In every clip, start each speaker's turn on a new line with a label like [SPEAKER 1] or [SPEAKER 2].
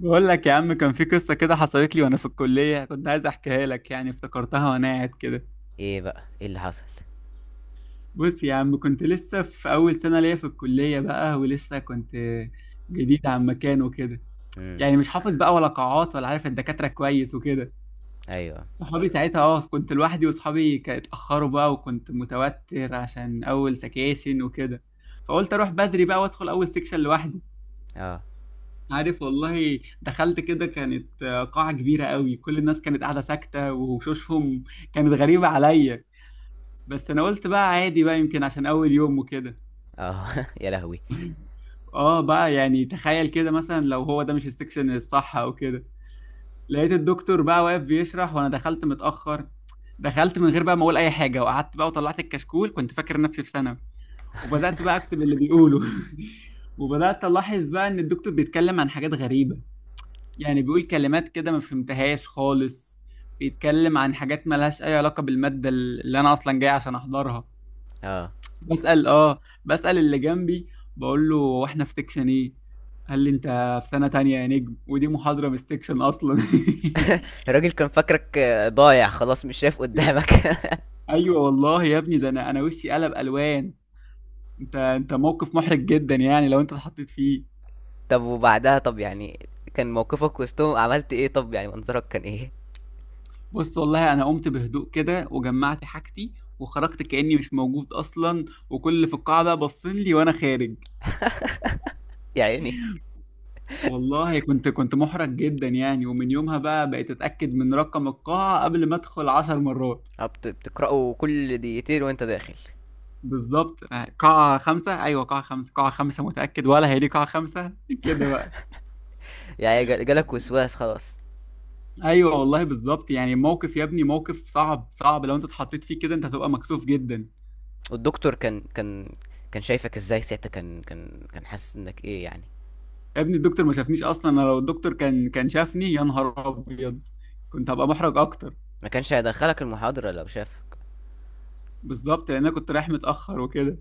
[SPEAKER 1] بقول لك يا عم، كان في قصة كده حصلت لي وانا في الكلية، كنت عايز احكيها لك، يعني افتكرتها وانا قاعد كده.
[SPEAKER 2] ايه اللي حصل؟
[SPEAKER 1] بص يا عم، كنت لسه في اول سنة ليا في الكلية بقى ولسه كنت جديد عن مكان وكده،
[SPEAKER 2] امم
[SPEAKER 1] يعني مش حافظ بقى ولا قاعات ولا عارف الدكاترة كويس وكده.
[SPEAKER 2] ايوه.
[SPEAKER 1] صحابي ساعتها كنت لوحدي، وصحابي كانوا اتأخروا بقى، وكنت متوتر عشان اول سكاشن وكده، فقلت اروح بدري بقى وادخل اول سكشن لوحدي.
[SPEAKER 2] اه
[SPEAKER 1] عارف والله، دخلت كده كانت قاعة كبيرة قوي، كل الناس كانت قاعدة ساكتة، وشوشهم كانت غريبة عليا، بس أنا قلت بقى عادي بقى، يمكن عشان أول يوم وكده.
[SPEAKER 2] اه. يا لهوي.
[SPEAKER 1] اه بقى، يعني تخيل كده مثلا لو هو ده مش السكشن الصح أو كده. لقيت الدكتور بقى واقف بيشرح وأنا دخلت متأخر، دخلت من غير بقى ما أقول أي حاجة، وقعدت بقى وطلعت الكشكول، كنت فاكر نفسي في سنة، وبدأت بقى أكتب اللي بيقوله. وبدأت ألاحظ بقى إن الدكتور بيتكلم عن حاجات غريبة، يعني بيقول كلمات كده ما فهمتهاش خالص، بيتكلم عن حاجات مالهاش اي علاقة بالمادة اللي انا اصلا جاي عشان احضرها.
[SPEAKER 2] اه.
[SPEAKER 1] بسأل بسأل اللي جنبي، بقول له واحنا في سيكشن ايه؟ قال لي انت في سنة تانية يا نجم، ودي محاضرة من السيكشن اصلا.
[SPEAKER 2] الراجل كان فاكرك ضايع خلاص، مش شايف قدامك.
[SPEAKER 1] ايوه والله يا ابني، ده انا وشي قلب الوان. انت موقف محرج جدا يعني لو انت اتحطيت فيه.
[SPEAKER 2] طب وبعدها، طب يعني كان موقفك وسطهم؟ عملت ايه؟ طب يعني منظرك كان ايه؟
[SPEAKER 1] بص والله، انا قمت بهدوء كده وجمعت حاجتي وخرجت كأني مش موجود اصلا، وكل اللي في القاعة بقى باصين لي وانا خارج.
[SPEAKER 2] يا عيني.
[SPEAKER 1] والله كنت محرج جدا يعني، ومن يومها بقى بقيت اتاكد من رقم القاعه قبل ما ادخل 10 مرات.
[SPEAKER 2] بتقرأوا كل دقيقتين وانت داخل؟
[SPEAKER 1] بالظبط، قاعه خمسه، ايوه قاعه خمسه، قاعه خمسه، متاكد ولا هي دي قاعه خمسه، كده بقى.
[SPEAKER 2] يعني جالك وسواس خلاص.
[SPEAKER 1] ايوه والله بالظبط، يعني موقف يا ابني، موقف صعب، صعب لو انت اتحطيت فيه كده، انت هتبقى مكسوف جدا.
[SPEAKER 2] والدكتور كان شايفك ازاي ساعتها؟ كان حاسس انك ايه يعني؟
[SPEAKER 1] يا ابني الدكتور ما شافنيش اصلا، انا لو الدكتور كان شافني، يا نهار ابيض كنت هبقى محرج اكتر.
[SPEAKER 2] ما كانش هيدخلك المحاضرة لو شافك.
[SPEAKER 1] بالظبط، لان انا كنت رايح متاخر وكده.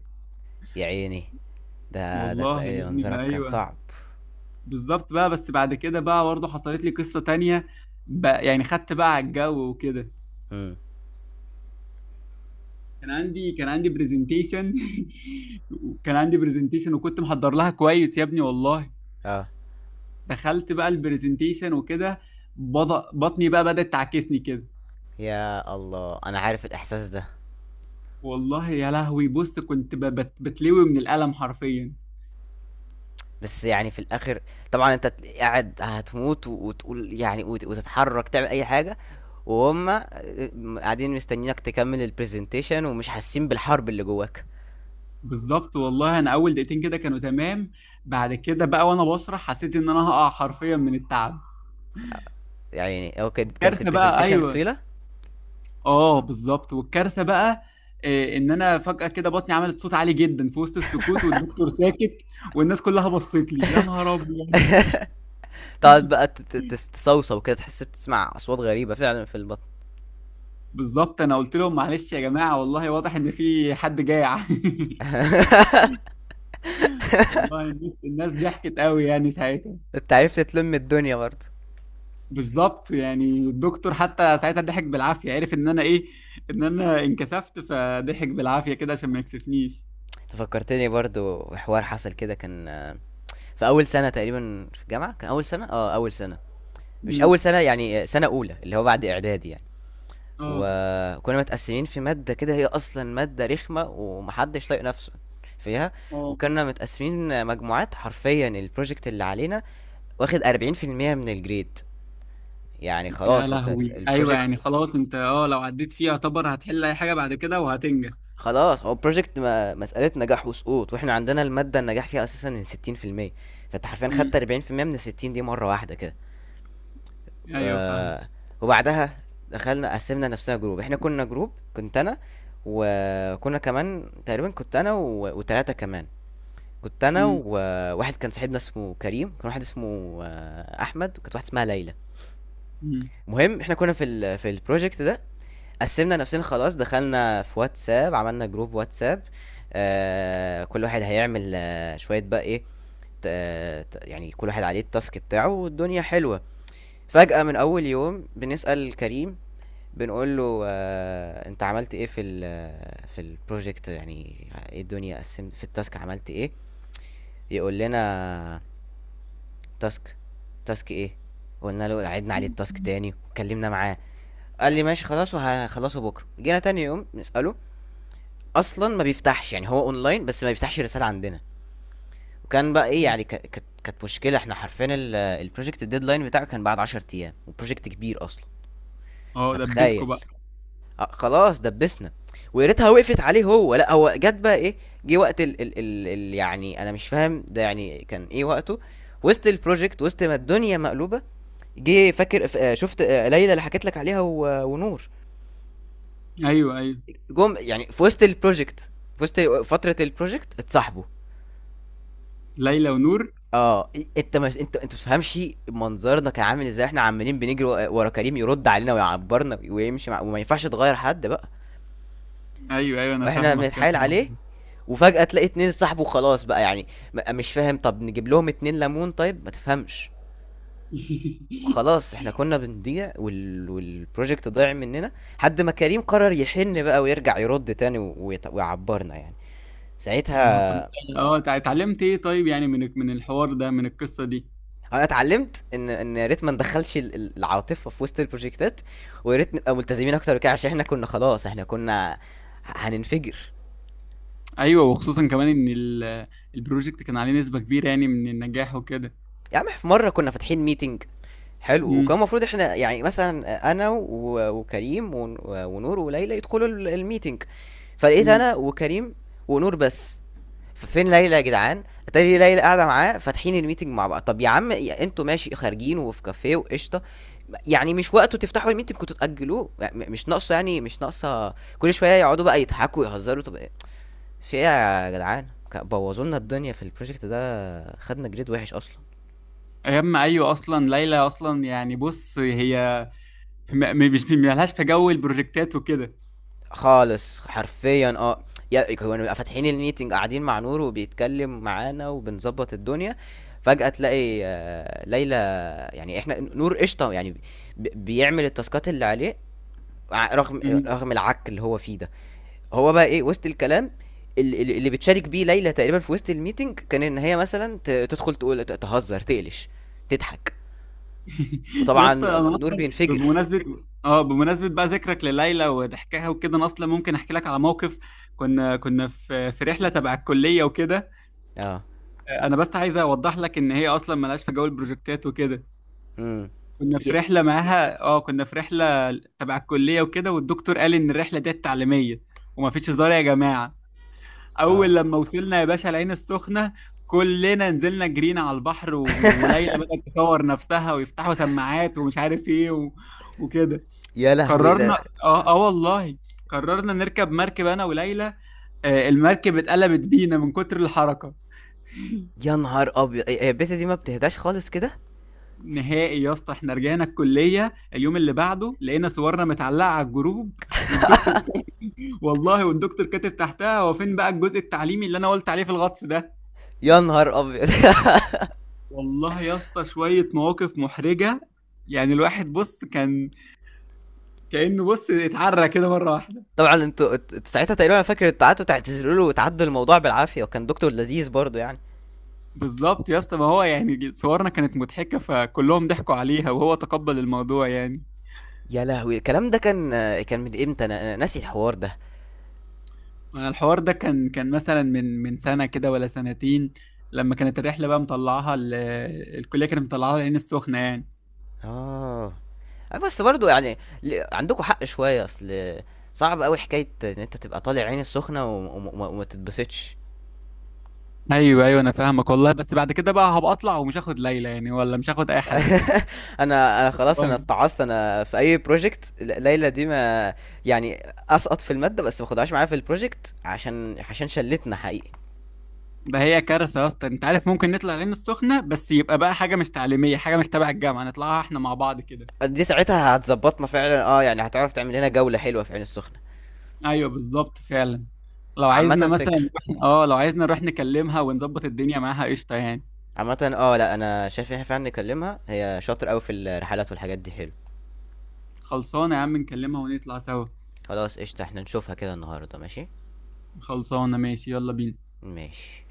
[SPEAKER 2] يا عيني. ده
[SPEAKER 1] والله
[SPEAKER 2] تلاقي
[SPEAKER 1] يا ابني ده
[SPEAKER 2] منظرك كان
[SPEAKER 1] ايوه
[SPEAKER 2] صعب.
[SPEAKER 1] بالظبط بقى. بس بعد كده بقى برضه حصلت لي قصة تانية بقى، يعني خدت بقى على الجو وكده.
[SPEAKER 2] امم
[SPEAKER 1] كان عندي برزنتيشن. وكان عندي برزنتيشن، وكنت محضر لها كويس يا ابني والله.
[SPEAKER 2] اه.
[SPEAKER 1] دخلت بقى البرزنتيشن وكده، بطني بقى بدأت تعكسني كده.
[SPEAKER 2] يا الله انا عارف الاحساس ده.
[SPEAKER 1] والله يا لهوي، بص كنت بتلوي من الألم حرفيا.
[SPEAKER 2] بس يعني في الاخر، طبعا انت قاعد هتموت وتقول يعني وتتحرك تعمل اي حاجه، وهم قاعدين مستنيينك تكمل البرزنتيشن ومش حاسين بالحرب اللي جواك.
[SPEAKER 1] بالظبط والله، انا اول دقيقتين كده كانوا تمام، بعد كده بقى وانا بشرح حسيت ان انا هقع حرفيا من التعب.
[SPEAKER 2] يعني هو كانت
[SPEAKER 1] كارثة بقى
[SPEAKER 2] البرزنتيشن
[SPEAKER 1] ايوه.
[SPEAKER 2] طويله؟
[SPEAKER 1] اه بالظبط، والكارثه بقى ان انا فجاه كده بطني عملت صوت عالي جدا في وسط السكوت والدكتور ساكت، والناس كلها بصت لي يا نهار ابيض.
[SPEAKER 2] تقعد بقى تصوصو كده، تحس بتسمع اصوات غريبه فعلا في البطن.
[SPEAKER 1] بالظبط، انا قلت لهم معلش يا جماعه، والله واضح ان في حد جاع. والله الناس ضحكت قوي يعني ساعتها.
[SPEAKER 2] انت عرفت تلم الدنيا برضه.
[SPEAKER 1] بالظبط يعني، الدكتور حتى ساعتها ضحك بالعافيه، عرف ان انا ايه، ان انا انكسفت، فضحك بالعافيه كده عشان ما يكسفنيش.
[SPEAKER 2] تفكرتني برضو بحوار حصل كده، كان في اول سنه تقريبا في الجامعه. كان اول سنه، اه اول سنه. مش
[SPEAKER 1] امم.
[SPEAKER 2] اول سنه يعني، سنه اولى اللي هو بعد اعدادي يعني.
[SPEAKER 1] اه.
[SPEAKER 2] وكنا متقسمين في ماده كده، هي اصلا ماده رخمه ومحدش طايق نفسه فيها.
[SPEAKER 1] اه
[SPEAKER 2] وكنا متقسمين مجموعات، حرفيا البروجكت اللي علينا واخد 40% من الجريد. يعني
[SPEAKER 1] يا
[SPEAKER 2] خلاص
[SPEAKER 1] لهوي، ايوه
[SPEAKER 2] البروجكت
[SPEAKER 1] يعني خلاص انت، اه لو عديت فيه يعتبر هتحل اي حاجه بعد كده وهتنجح.
[SPEAKER 2] خلاص. هو البروجكت مسألة نجاح وسقوط، واحنا عندنا المادة النجاح فيها اساسا من 60%. فانت حرفيا خدت
[SPEAKER 1] امم.
[SPEAKER 2] 40% من 60 دي مرة واحدة كده.
[SPEAKER 1] ايوه فاهم.
[SPEAKER 2] آه، وبعدها دخلنا، قسمنا نفسنا جروب. احنا كنا جروب، كنت انا، وكنا كمان تقريبا، كنت انا وتلاتة كمان. كنت انا
[SPEAKER 1] امم.
[SPEAKER 2] وواحد كان صاحبنا اسمه كريم، كان واحد اسمه احمد، وكانت واحده اسمها ليلى. المهم احنا كنا في في البروجكت ده. قسمنا نفسنا خلاص، دخلنا في واتساب، عملنا جروب واتساب. آه كل واحد هيعمل آه شويه بقى ايه، يعني كل واحد عليه التاسك بتاعه والدنيا حلوه. فجأة من أول يوم بنسأل كريم، بنقول له انت عملت ايه في في البروجكت؟ يعني ايه الدنيا؟ قسمت في التاسك عملت ايه؟ يقول لنا تاسك. تاسك ايه؟ قلنا له، عدنا عليه
[SPEAKER 1] امم.
[SPEAKER 2] التاسك تاني واتكلمنا معاه، قال لي ماشي خلاص وهخلصه بكره. جينا تاني يوم نساله، اصلا ما بيفتحش، يعني هو اونلاين بس ما بيفتحش الرساله عندنا. وكان بقى ايه يعني، كانت مشكله. احنا حرفيا البروجكت الديدلاين بتاعه كان بعد 10 ايام، وبروجكت كبير اصلا.
[SPEAKER 1] اه دبسكوا
[SPEAKER 2] فتخيل.
[SPEAKER 1] بقى.
[SPEAKER 2] خلاص دبسنا. ويا ريتها وقفت عليه، هو لا، هو جت بقى ايه. جه وقت ال يعني انا مش فاهم ده يعني كان ايه وقته. وسط البروجكت، وسط ما الدنيا مقلوبه، جه فاكر شفت ليلى اللي حكيت لك عليها، ونور
[SPEAKER 1] ايوه، ايوه.
[SPEAKER 2] جم يعني في وسط البروجكت، في وسط فتره البروجكت، اتصاحبوا.
[SPEAKER 1] ليلى ونور.
[SPEAKER 2] اه إيه، انت مش انت انت متفهمش منظرنا كان عامل ازاي. احنا عمالين بنجري ورا كريم يرد علينا ويعبرنا، ويمشي وما ينفعش تغير حد بقى.
[SPEAKER 1] ايوه ايوه انا
[SPEAKER 2] واحنا
[SPEAKER 1] فاهمك، يا
[SPEAKER 2] بنتحايل
[SPEAKER 1] نهار
[SPEAKER 2] عليه،
[SPEAKER 1] أبيض.
[SPEAKER 2] وفجأة تلاقي اتنين صاحبه خلاص بقى. يعني مش فاهم. طب نجيب لهم اتنين ليمون طيب، ما تفهمش. خلاص احنا كنا بنضيع، والبروجكت ضايع مننا، حد ما كريم قرر يحن بقى ويرجع يرد تاني ويعبرنا يعني
[SPEAKER 1] يا نهار،
[SPEAKER 2] ساعتها.
[SPEAKER 1] طب اتعلمت ايه طيب، يعني من الحوار ده، من القصه دي.
[SPEAKER 2] انا اتعلمت ان يا ريت ما ندخلش العاطفه في وسط البروجكتات، ويا ريت نبقى ملتزمين اكتر كده، عشان احنا كنا خلاص، احنا كنا هننفجر.
[SPEAKER 1] ايوه، وخصوصا كمان ان البروجكت كان عليه نسبه كبيره يعني من النجاح وكده.
[SPEAKER 2] يا عم، في مره كنا فاتحين ميتنج، حلو، وكان
[SPEAKER 1] امم.
[SPEAKER 2] المفروض إحنا يعني مثلًا أنا وكريم ونور وليلى يدخلوا الmeeting، فلقيت
[SPEAKER 1] امم.
[SPEAKER 2] أنا وكريم ونور بس. ففين ليلى يا جدعان؟ أتاري ليلى قاعدة معاه فاتحين الmeeting مع بعض. طب يا عم، أنتم ماشي خارجين وفي كافيه وقشطة، يعني مش وقته تفتحوا الmeeting، كنتم تأجلوه. مش ناقصة، يعني مش ناقصة كل شوية يقعدوا بقى يضحكوا ويهزروا. طب إيه؟ في إيه يا جدعان؟ بوظوا لنا الدنيا في الproject ده، خدنا grade وحش أصلًا.
[SPEAKER 1] ايام ايوه، اصلا ليلى اصلا يعني بص هي مش مالهاش في جو البروجكتات وكده.
[SPEAKER 2] خالص حرفيا اه. يا كانوا بيبقى فاتحين الميتنج قاعدين مع نور وبيتكلم معانا وبنظبط الدنيا، فجأة تلاقي ليلى. يعني احنا نور قشطة يعني، بيعمل التاسكات اللي عليه رغم
[SPEAKER 1] مم.
[SPEAKER 2] العك اللي هو فيه ده. هو بقى ايه وسط الكلام، اللي بتشارك بيه ليلى تقريبا في وسط الميتنج، كان ان هي مثلا تدخل تقول، تهزر تقلش، تضحك،
[SPEAKER 1] يا
[SPEAKER 2] وطبعا
[SPEAKER 1] اسطى، انا
[SPEAKER 2] نور
[SPEAKER 1] اصلا
[SPEAKER 2] بينفجر.
[SPEAKER 1] بمناسبه، بمناسبه بقى ذكرك لليلى وضحكها وكده، انا اصلا ممكن احكي لك على موقف. كنا في رحله تبع الكليه وكده.
[SPEAKER 2] اه.
[SPEAKER 1] انا بس عايز اوضح لك ان هي اصلا مالهاش في جو البروجكتات وكده.
[SPEAKER 2] امم
[SPEAKER 1] كنا في
[SPEAKER 2] ي-
[SPEAKER 1] رحله معاها، اه كنا في رحله تبع الكليه وكده، والدكتور قال ان الرحله دي تعليميه وما فيش هزار يا جماعه.
[SPEAKER 2] اه.
[SPEAKER 1] اول لما وصلنا يا باشا العين السخنه، كلنا نزلنا جرينا على البحر، وليلى بدأت تصور نفسها، ويفتحوا سماعات ومش عارف ايه وكده.
[SPEAKER 2] يا لهوي ده.
[SPEAKER 1] قررنا، اه اه والله، قررنا نركب مركب انا وليلى. آه، المركب اتقلبت بينا من كتر الحركه.
[SPEAKER 2] يا نهار ابيض، هي البيتا دي ما بتهداش خالص كده.
[SPEAKER 1] نهائي يا اسطى، احنا رجعنا الكليه اليوم اللي بعده، لقينا صورنا متعلقه على الجروب، والدكتور، والله، والدكتور كاتب تحتها هو فين بقى الجزء التعليمي اللي انا قلت عليه في الغطس ده.
[SPEAKER 2] يا نهار ابيض.
[SPEAKER 1] والله يا اسطى، شوية مواقف محرجة يعني، الواحد بص كان كأنه بص اتعرى كده مرة واحدة.
[SPEAKER 2] طبعا انتوا ساعتها تقريبا، انا فاكر انتوا قعدتوا تعتذروا له وتعدوا الموضوع بالعافيه، وكان دكتور لذيذ برضه يعني.
[SPEAKER 1] بالظبط يا اسطى، ما هو يعني صورنا كانت مضحكة، فكلهم ضحكوا عليها وهو تقبل الموضوع يعني.
[SPEAKER 2] يا لهوي الكلام ده كان، كان من امتى؟ انا ناسي الحوار ده.
[SPEAKER 1] أنا الحوار ده كان مثلا من سنة كده ولا سنتين، لما كانت الرحلة بقى مطلعاها الكلية، كانت مطلعاها العين السخنة يعني.
[SPEAKER 2] اه. بس برضه يعني، عندكم حق شويه. اصل صعب قوي حكايه ان انت تبقى طالع عين السخنه وما تتبسطش.
[SPEAKER 1] ايوه ايوه انا فاهمك والله، بس بعد كده بقى هبقى اطلع ومش هاخد ليلى يعني، ولا مش هاخد اي حد.
[SPEAKER 2] انا خلاص
[SPEAKER 1] والله.
[SPEAKER 2] اتعصت. انا في اي بروجكت ليلى دي ما، يعني اسقط في الماده بس ما خدهاش معايا في البروجكت، عشان شلتنا حقيقي.
[SPEAKER 1] ده هي كارثة يا اسطى، انت عارف ممكن نطلع العين السخنة، بس يبقى بقى حاجة مش تعليمية، حاجة مش تبع الجامعة، نطلعها احنا مع بعض كده.
[SPEAKER 2] دي ساعتها هتظبطنا فعلا. اه، يعني هتعرف تعمل لنا جوله حلوه في عين السخنه.
[SPEAKER 1] ايوه بالظبط فعلا. لو عايزنا
[SPEAKER 2] عامه
[SPEAKER 1] مثلا
[SPEAKER 2] فكر.
[SPEAKER 1] لو عايزنا نروح نكلمها ونظبط الدنيا معاها قشطة يعني.
[SPEAKER 2] عامه اه، لا، انا شايف ان احنا فعلا نكلمها، هي شاطر قوي في الرحلات والحاجات دي، حلو.
[SPEAKER 1] خلصانة يا عم، نكلمها ونطلع سوا.
[SPEAKER 2] خلاص قشطه، احنا نشوفها كده النهارده. ماشي.
[SPEAKER 1] خلصانة، ماشي، يلا بينا.
[SPEAKER 2] ماشي.